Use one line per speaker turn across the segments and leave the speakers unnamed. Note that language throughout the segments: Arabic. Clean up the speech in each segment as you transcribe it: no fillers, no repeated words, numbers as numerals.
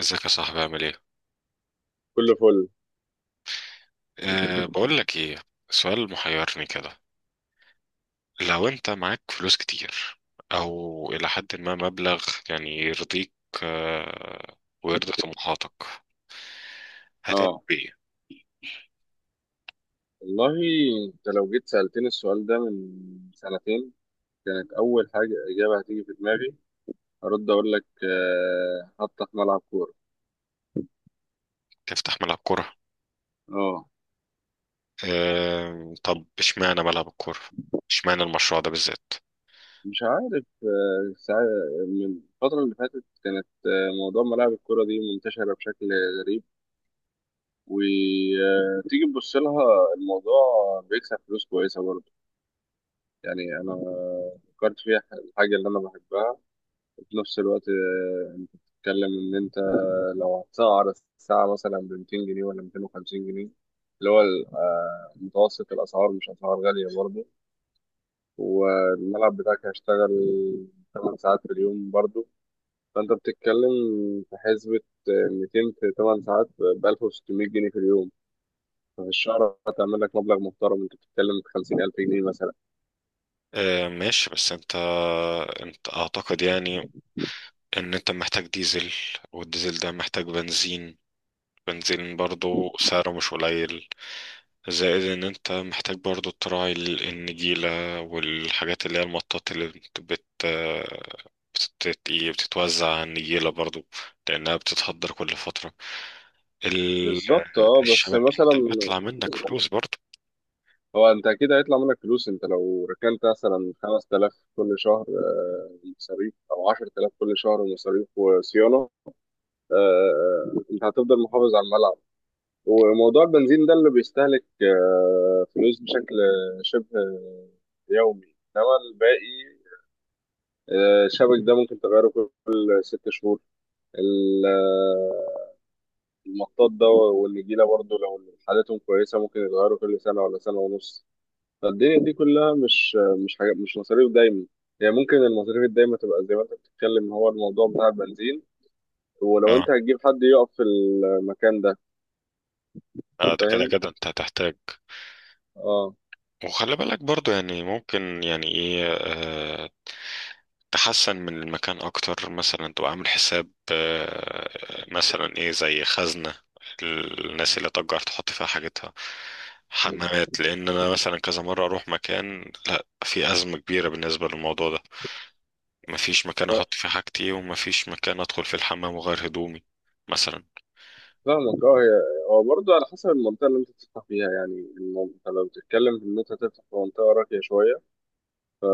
ازيك يا صاحبي عامل ايه؟
كله فل.
بقول لك ايه، سؤال محيرني كده. لو انت معاك فلوس كتير، او الى حد ما مبلغ يعني يرضيك أه ويرضي طموحاتك، هتعمل
اه،
ايه؟
والله انت لو جيت سألتني السؤال ده من سنتين، كانت أول حاجة إجابة هتيجي في دماغي هرد أقول لك حتى في ملعب كورة.
تفتح ملعب كورة؟
اه،
أه، طب اشمعنى ملعب الكورة؟ اشمعنى المشروع ده بالذات؟
مش عارف. ساعة من الفترة اللي فاتت كانت موضوع ملاعب الكورة دي منتشرة بشكل غريب، وتيجي تبص لها الموضوع بيكسب فلوس كويسة برضه. يعني أنا فكرت فيها الحاجة اللي أنا بحبها. في نفس الوقت انت بتتكلم ان انت لو هتسعر الساعة مثلا ب 200 جنيه ولا 250 جنيه، اللي هو متوسط الأسعار مش أسعار غالية برضه. والملعب بتاعك هيشتغل 8 ساعات في اليوم برضه. فأنت بتتكلم في حسبة، 200 في 8 ساعات ب 1600 جنيه في اليوم. ففي الشهر هتعمل لك مبلغ محترم، أنت بتتكلم في 50000 جنيه مثلا.
أه، ماشي. بس انت اعتقد يعني ان انت محتاج ديزل، والديزل ده محتاج بنزين، بنزين برضه سعره مش قليل. زائد ان انت محتاج برضو تراعي النجيلة، والحاجات اللي هي المطاط اللي بت بت بتت- إيه، بتتوزع على النجيلة برضو، لانها بتتهدر كل فترة. ال-
بالظبط اه، بس
الشبكة،
مثلا
انت بيطلع منك فلوس برضو.
هو انت اكيد هيطلع منك فلوس. انت لو ركنت مثلا 5000 كل شهر مصاريف، او 10000 كل شهر مصاريف وصيانه. انت هتفضل محافظ على الملعب. وموضوع البنزين ده اللي بيستهلك فلوس بشكل شبه يومي. انما الباقي الشبك ده ممكن تغيره كل 6 شهور. ال- آه، المطاط ده والنجيله برضه لو حالتهم كويسه ممكن يتغيروا كل سنه ولا سنه ونص. فالدنيا دي كلها مش حاجة، مش مصاريف دايما. يعني ممكن المصاريف الدايمة تبقى زي ما انت بتتكلم، هو الموضوع بتاع البنزين ولو
اه.
انت هتجيب حد يقف في المكان ده.
ده كده
فاهم
كده انت هتحتاج.
اه.
وخلي بالك برضو، يعني ممكن يعني ايه، تحسن من المكان اكتر، مثلا تبقى عامل حساب مثلا ايه، زي خزنة الناس اللي تجار تحط فيها حاجتها، حمامات. لان انا مثلا كذا مرة اروح مكان، لا في ازمة كبيرة بالنسبة للموضوع ده، مفيش مكان
ف-
احط فيه حاجتي ومفيش مكان ادخل فيه الحمام وغير هدومي مثلا.
فاهمك اه، هو برضه على حسب المنطقة اللي انت بتفتح فيها. يعني انت لو بتتكلم في ان انت هتفتح في منطقة راقية شوية،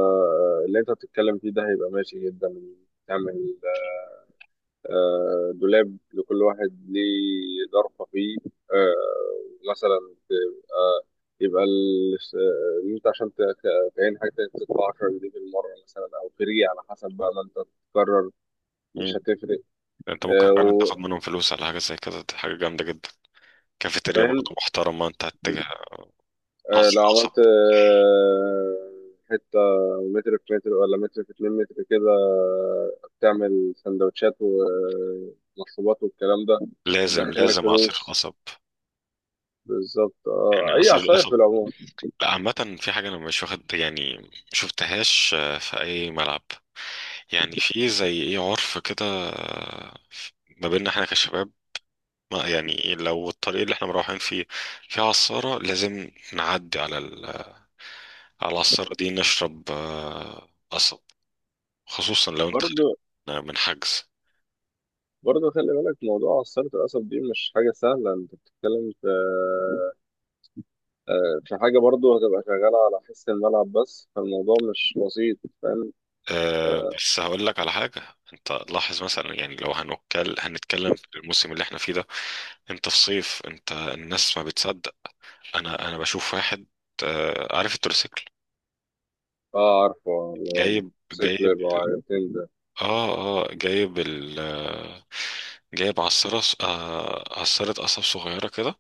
اللي انت بتتكلم فيه ده هيبقى ماشي جدا. تعمل دولاب لكل واحد ليه ظرفة فيه، مثلا. تبقى يبقى إن أنت عشان تعين حاجة تدفع 10 جنيه في المرة مثلا، أو فري على حسب بقى ما أنت تقرر. مش
مم.
هتفرق.
انت ممكن
آه،
فعلا
و-
تاخد منهم فلوس على حاجة زي كده، دي حاجة جامدة جدا. كافيتيريا
فاهم.
برضه محترمة، انت هتجي عصير
لو
قصب.
عملت حتة متر في متر ولا متر في 2 متر كده، تعمل سندوتشات ومشروبات والكلام ده
لازم
هتدخلك
لازم عصير
فلوس.
قصب،
بالظبط
يعني
اه، اي
عصير
عصاير في
القصب.
العموم.
لا، عامة في حاجة أنا مش واخد يعني مشوفتهاش في أي ملعب، يعني في زي إيه، عرف كده. آه، ما بيننا إحنا كشباب، ما يعني لو الطريق اللي إحنا مروحين فيه فيه عصارة لازم نعدي على على العصارة دي نشرب قصب، خصوصا لو أنت خارج
برضه
من حجز.
برضه خلي بالك موضوع عصارة القصب دي مش حاجة سهلة. انت بتتكلم في في حاجة برضه هتبقى شغالة على حس الملعب، بس فالموضوع مش بسيط. فاهم اه.
بس هقول لك على حاجة. أنت لاحظ مثلا، يعني لو هنتكلم هنتكلم في الموسم اللي إحنا فيه ده، أنت في صيف أنت الناس ما بتصدق. انا بشوف واحد عارف التروسيكل،
عارفه اللي هو
جايب
موتوسيكل
جايب،
يبقى عجلتين ده.
اه، اه جايب ال آه، جايب عصارة عصارة قصب صغيرة كده،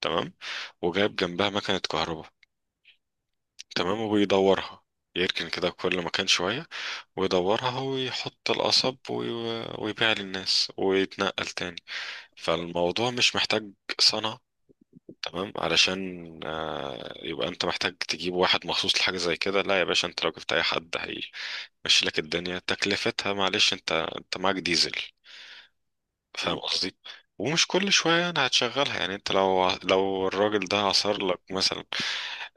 تمام، وجايب جنبها مكنة كهرباء، تمام، وبيدورها. يركن كده كل مكان شوية ويدورها ويحط القصب ويبيع للناس ويتنقل تاني. فالموضوع مش محتاج صنعة، تمام، علشان يبقى انت محتاج تجيب واحد مخصوص لحاجة زي كده. لا يا باشا، انت لو جبت اي حد هي ماشي لك، الدنيا تكلفتها معلش، انت معاك ديزل، فاهم قصدي؟ ومش كل شوية يعني هتشغلها، يعني انت لو الراجل ده عصر لك مثلا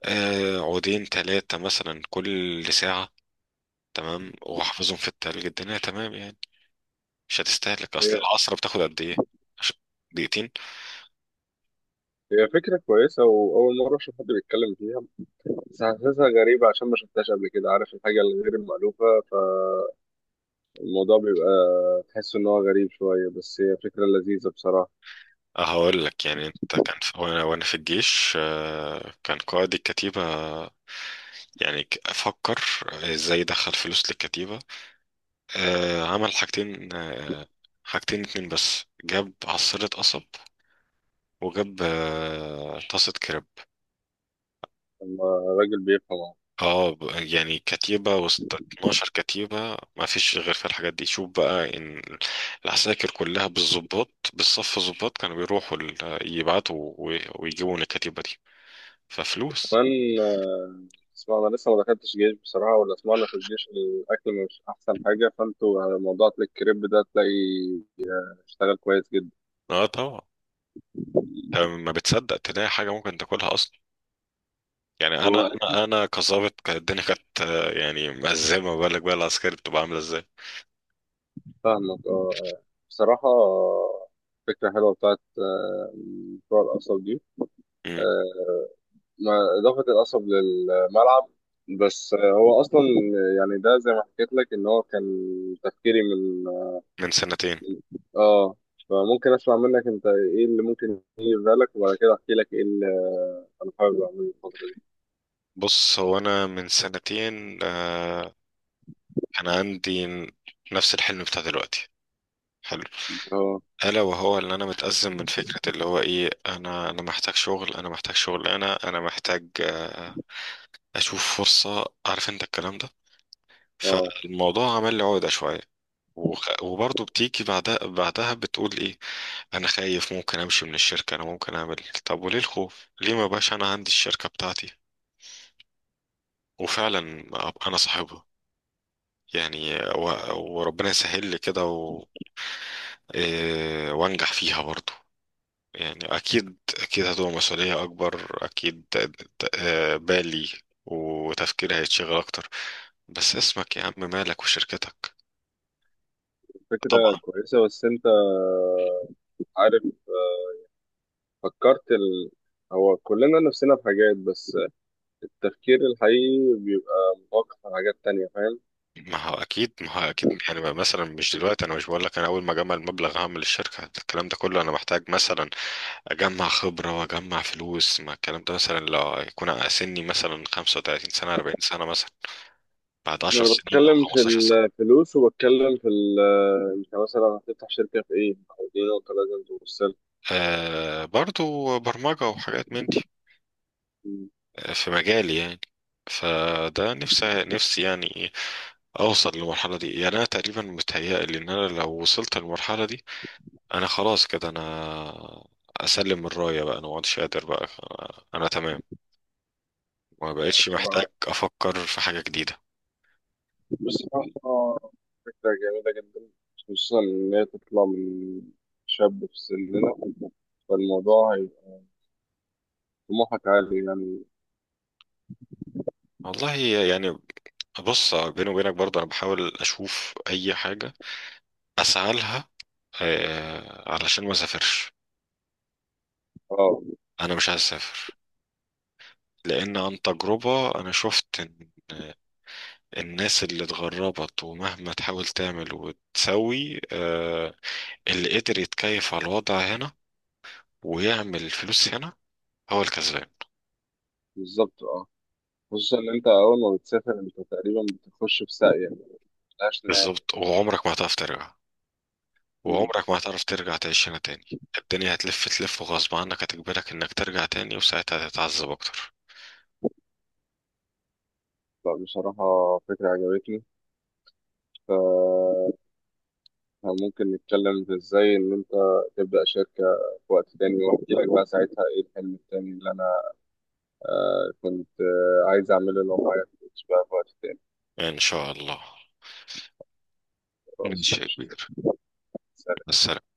عودين تلاتة مثلا كل ساعة، تمام، وحافظهم في التلج، الدنيا تمام يعني، مش هتستهلك.
هي
اصل العصرة بتاخد قد ايه؟ عش- دقيقتين.
هي فكرة كويسة وأول مرة أشوف حد بيتكلم فيها. بس حاسسها غريبة عشان ما شفتهاش قبل كده. عارف الحاجة الغير المألوفة فالموضوع بيبقى تحس إن هو غريب شوية، بس هي فكرة لذيذة بصراحة.
هقول لك يعني، انت كان في وانا في الجيش كان قائد الكتيبة، يعني افكر ازاي ادخل فلوس للكتيبة. عمل حاجتين، حاجتين اتنين بس، جاب عصيرة قصب وجاب طاسة كريب.
لما الراجل بيفهم
اه يعني كتيبة وسط 12 كتيبة ما فيش غير في الحاجات دي. شوف بقى ان العساكر كلها بالظباط بالصف الظباط كانوا بيروحوا يبعتوا ويجيبوا من الكتيبة دي ففلوس.
كمان. آه، اسمع انا لسه ما دخلتش جيش بصراحه، ولا سمعنا في الجيش الاكل مش احسن حاجه. فانتوا على موضوع أكل الكريب ده تلاقي اشتغل كويس جدا.
اه طبعا. ما بتصدق تلاقي حاجة ممكن تاكلها اصلا. يعني انا،
هو أكيد.
انا كظابط كانت الدنيا كانت يعني مأزمة، بالك بقى العسكري بتبقى عاملة ازاي.
فاهمك اه. بصراحه فكره حلوه بتاعت مشروع القصب دي. آه، اضافه القصب للملعب. بس هو اصلا يعني ده زي ما حكيت لك، ان هو كان تفكيري من،
من سنتين.
اه، فممكن اسمع منك انت ايه اللي ممكن يجي في بالك، وبعد كده احكي لك ايه انا حابب اعمل الفترة دي.
بص هو انا من سنتين انا عندي نفس الحلم بتاع دلوقتي. حلو.
اه،
الا وهو ان انا متأزم من فكرة، اللي هو ايه، انا محتاج شغل، انا محتاج شغل، انا محتاج اشوف فرصة، عارف انت الكلام ده.
اه،
فالموضوع عمل لي عقدة شوية. وبرضه بتيجي بعدها بتقول ايه: انا خايف ممكن امشي من الشركة، انا ممكن اعمل إيه؟ طب وليه الخوف؟ ليه ما بقاش انا عندي الشركة بتاعتي، وفعلا أبقى انا صاحبها يعني، وربنا يسهل لي كده و وانجح فيها برضو. يعني اكيد اكيد هتبقى مسؤولية اكبر، اكيد بالي وتفكيري هيتشغل اكتر، بس اسمك يا عم مالك وشركتك.
فكرة
طبعا.
كويسة. بس انت عارف فكرت هو كلنا نفسنا في حاجات، بس التفكير الحقيقي بيبقى متوقف على حاجات تانية. فاهم.
ما هو اكيد ما هو اكيد، يعني مثلا مش دلوقتي، انا مش بقول لك انا اول ما اجمع المبلغ هعمل الشركه الكلام ده كله. انا محتاج مثلا اجمع خبره واجمع فلوس، ما الكلام ده مثلا لو يكون سني مثلا 35 سنه، 40 سنه مثلا، بعد 10
انا
سنين او
بتكلم في
15.
الفلوس وبتكلم في انت مثلا هتفتح شركة في ايه؟ او دي نقطة لازم تبص لها.
برضو برمجة وحاجات من دي، في مجالي يعني. فده نفسي نفسي يعني أوصل للمرحلة دي. يعني أنا تقريبا متهيألي إن أنا لو وصلت للمرحلة دي أنا خلاص كده، أنا أسلم الراية بقى، أنا مقعدش قادر بقى، أنا تمام، ما بقتش محتاج
بصراحة
أفكر في حاجة جديدة.
بصراحة فكرة جميلة جدا، خصوصا ان هي تطلع من شاب في سننا. فالموضوع طموحك عالي يعني.
والله يعني، بص بيني وبينك برضه، أنا بحاول أشوف أي حاجة أسعى لها علشان ما أسافرش.
اه
أنا مش عايز أسافر، لأن عن تجربة أنا شفت إن الناس اللي اتغربت ومهما تحاول تعمل وتسوي اللي قدر يتكيف على الوضع هنا ويعمل فلوس هنا هو الكسبان.
بالظبط اه. خصوصا ان انت اول ما بتسافر انت تقريبا بتخش في ساقية ملهاش نهاية.
بالظبط، وعمرك ما هتعرف ترجع،
مم.
وعمرك ما هتعرف ترجع تعيش هنا تاني. الدنيا هتلف تلف وغصب عنك هتجبرك إنك ترجع تاني، وساعتها هتتعذب أكتر.
لا، بصراحة فكرة عجبتني. ف- فممكن نتكلم في ازاي ان انت تبدأ شركة في وقت تاني، واحكي لك بقى ساعتها ايه الحلم التاني اللي انا كنت عايز اعمله لو معايا فلوس بقى في وقت تاني.
إن شاء الله.
خلاص
ماشي يا
ماشي.
كبير، بس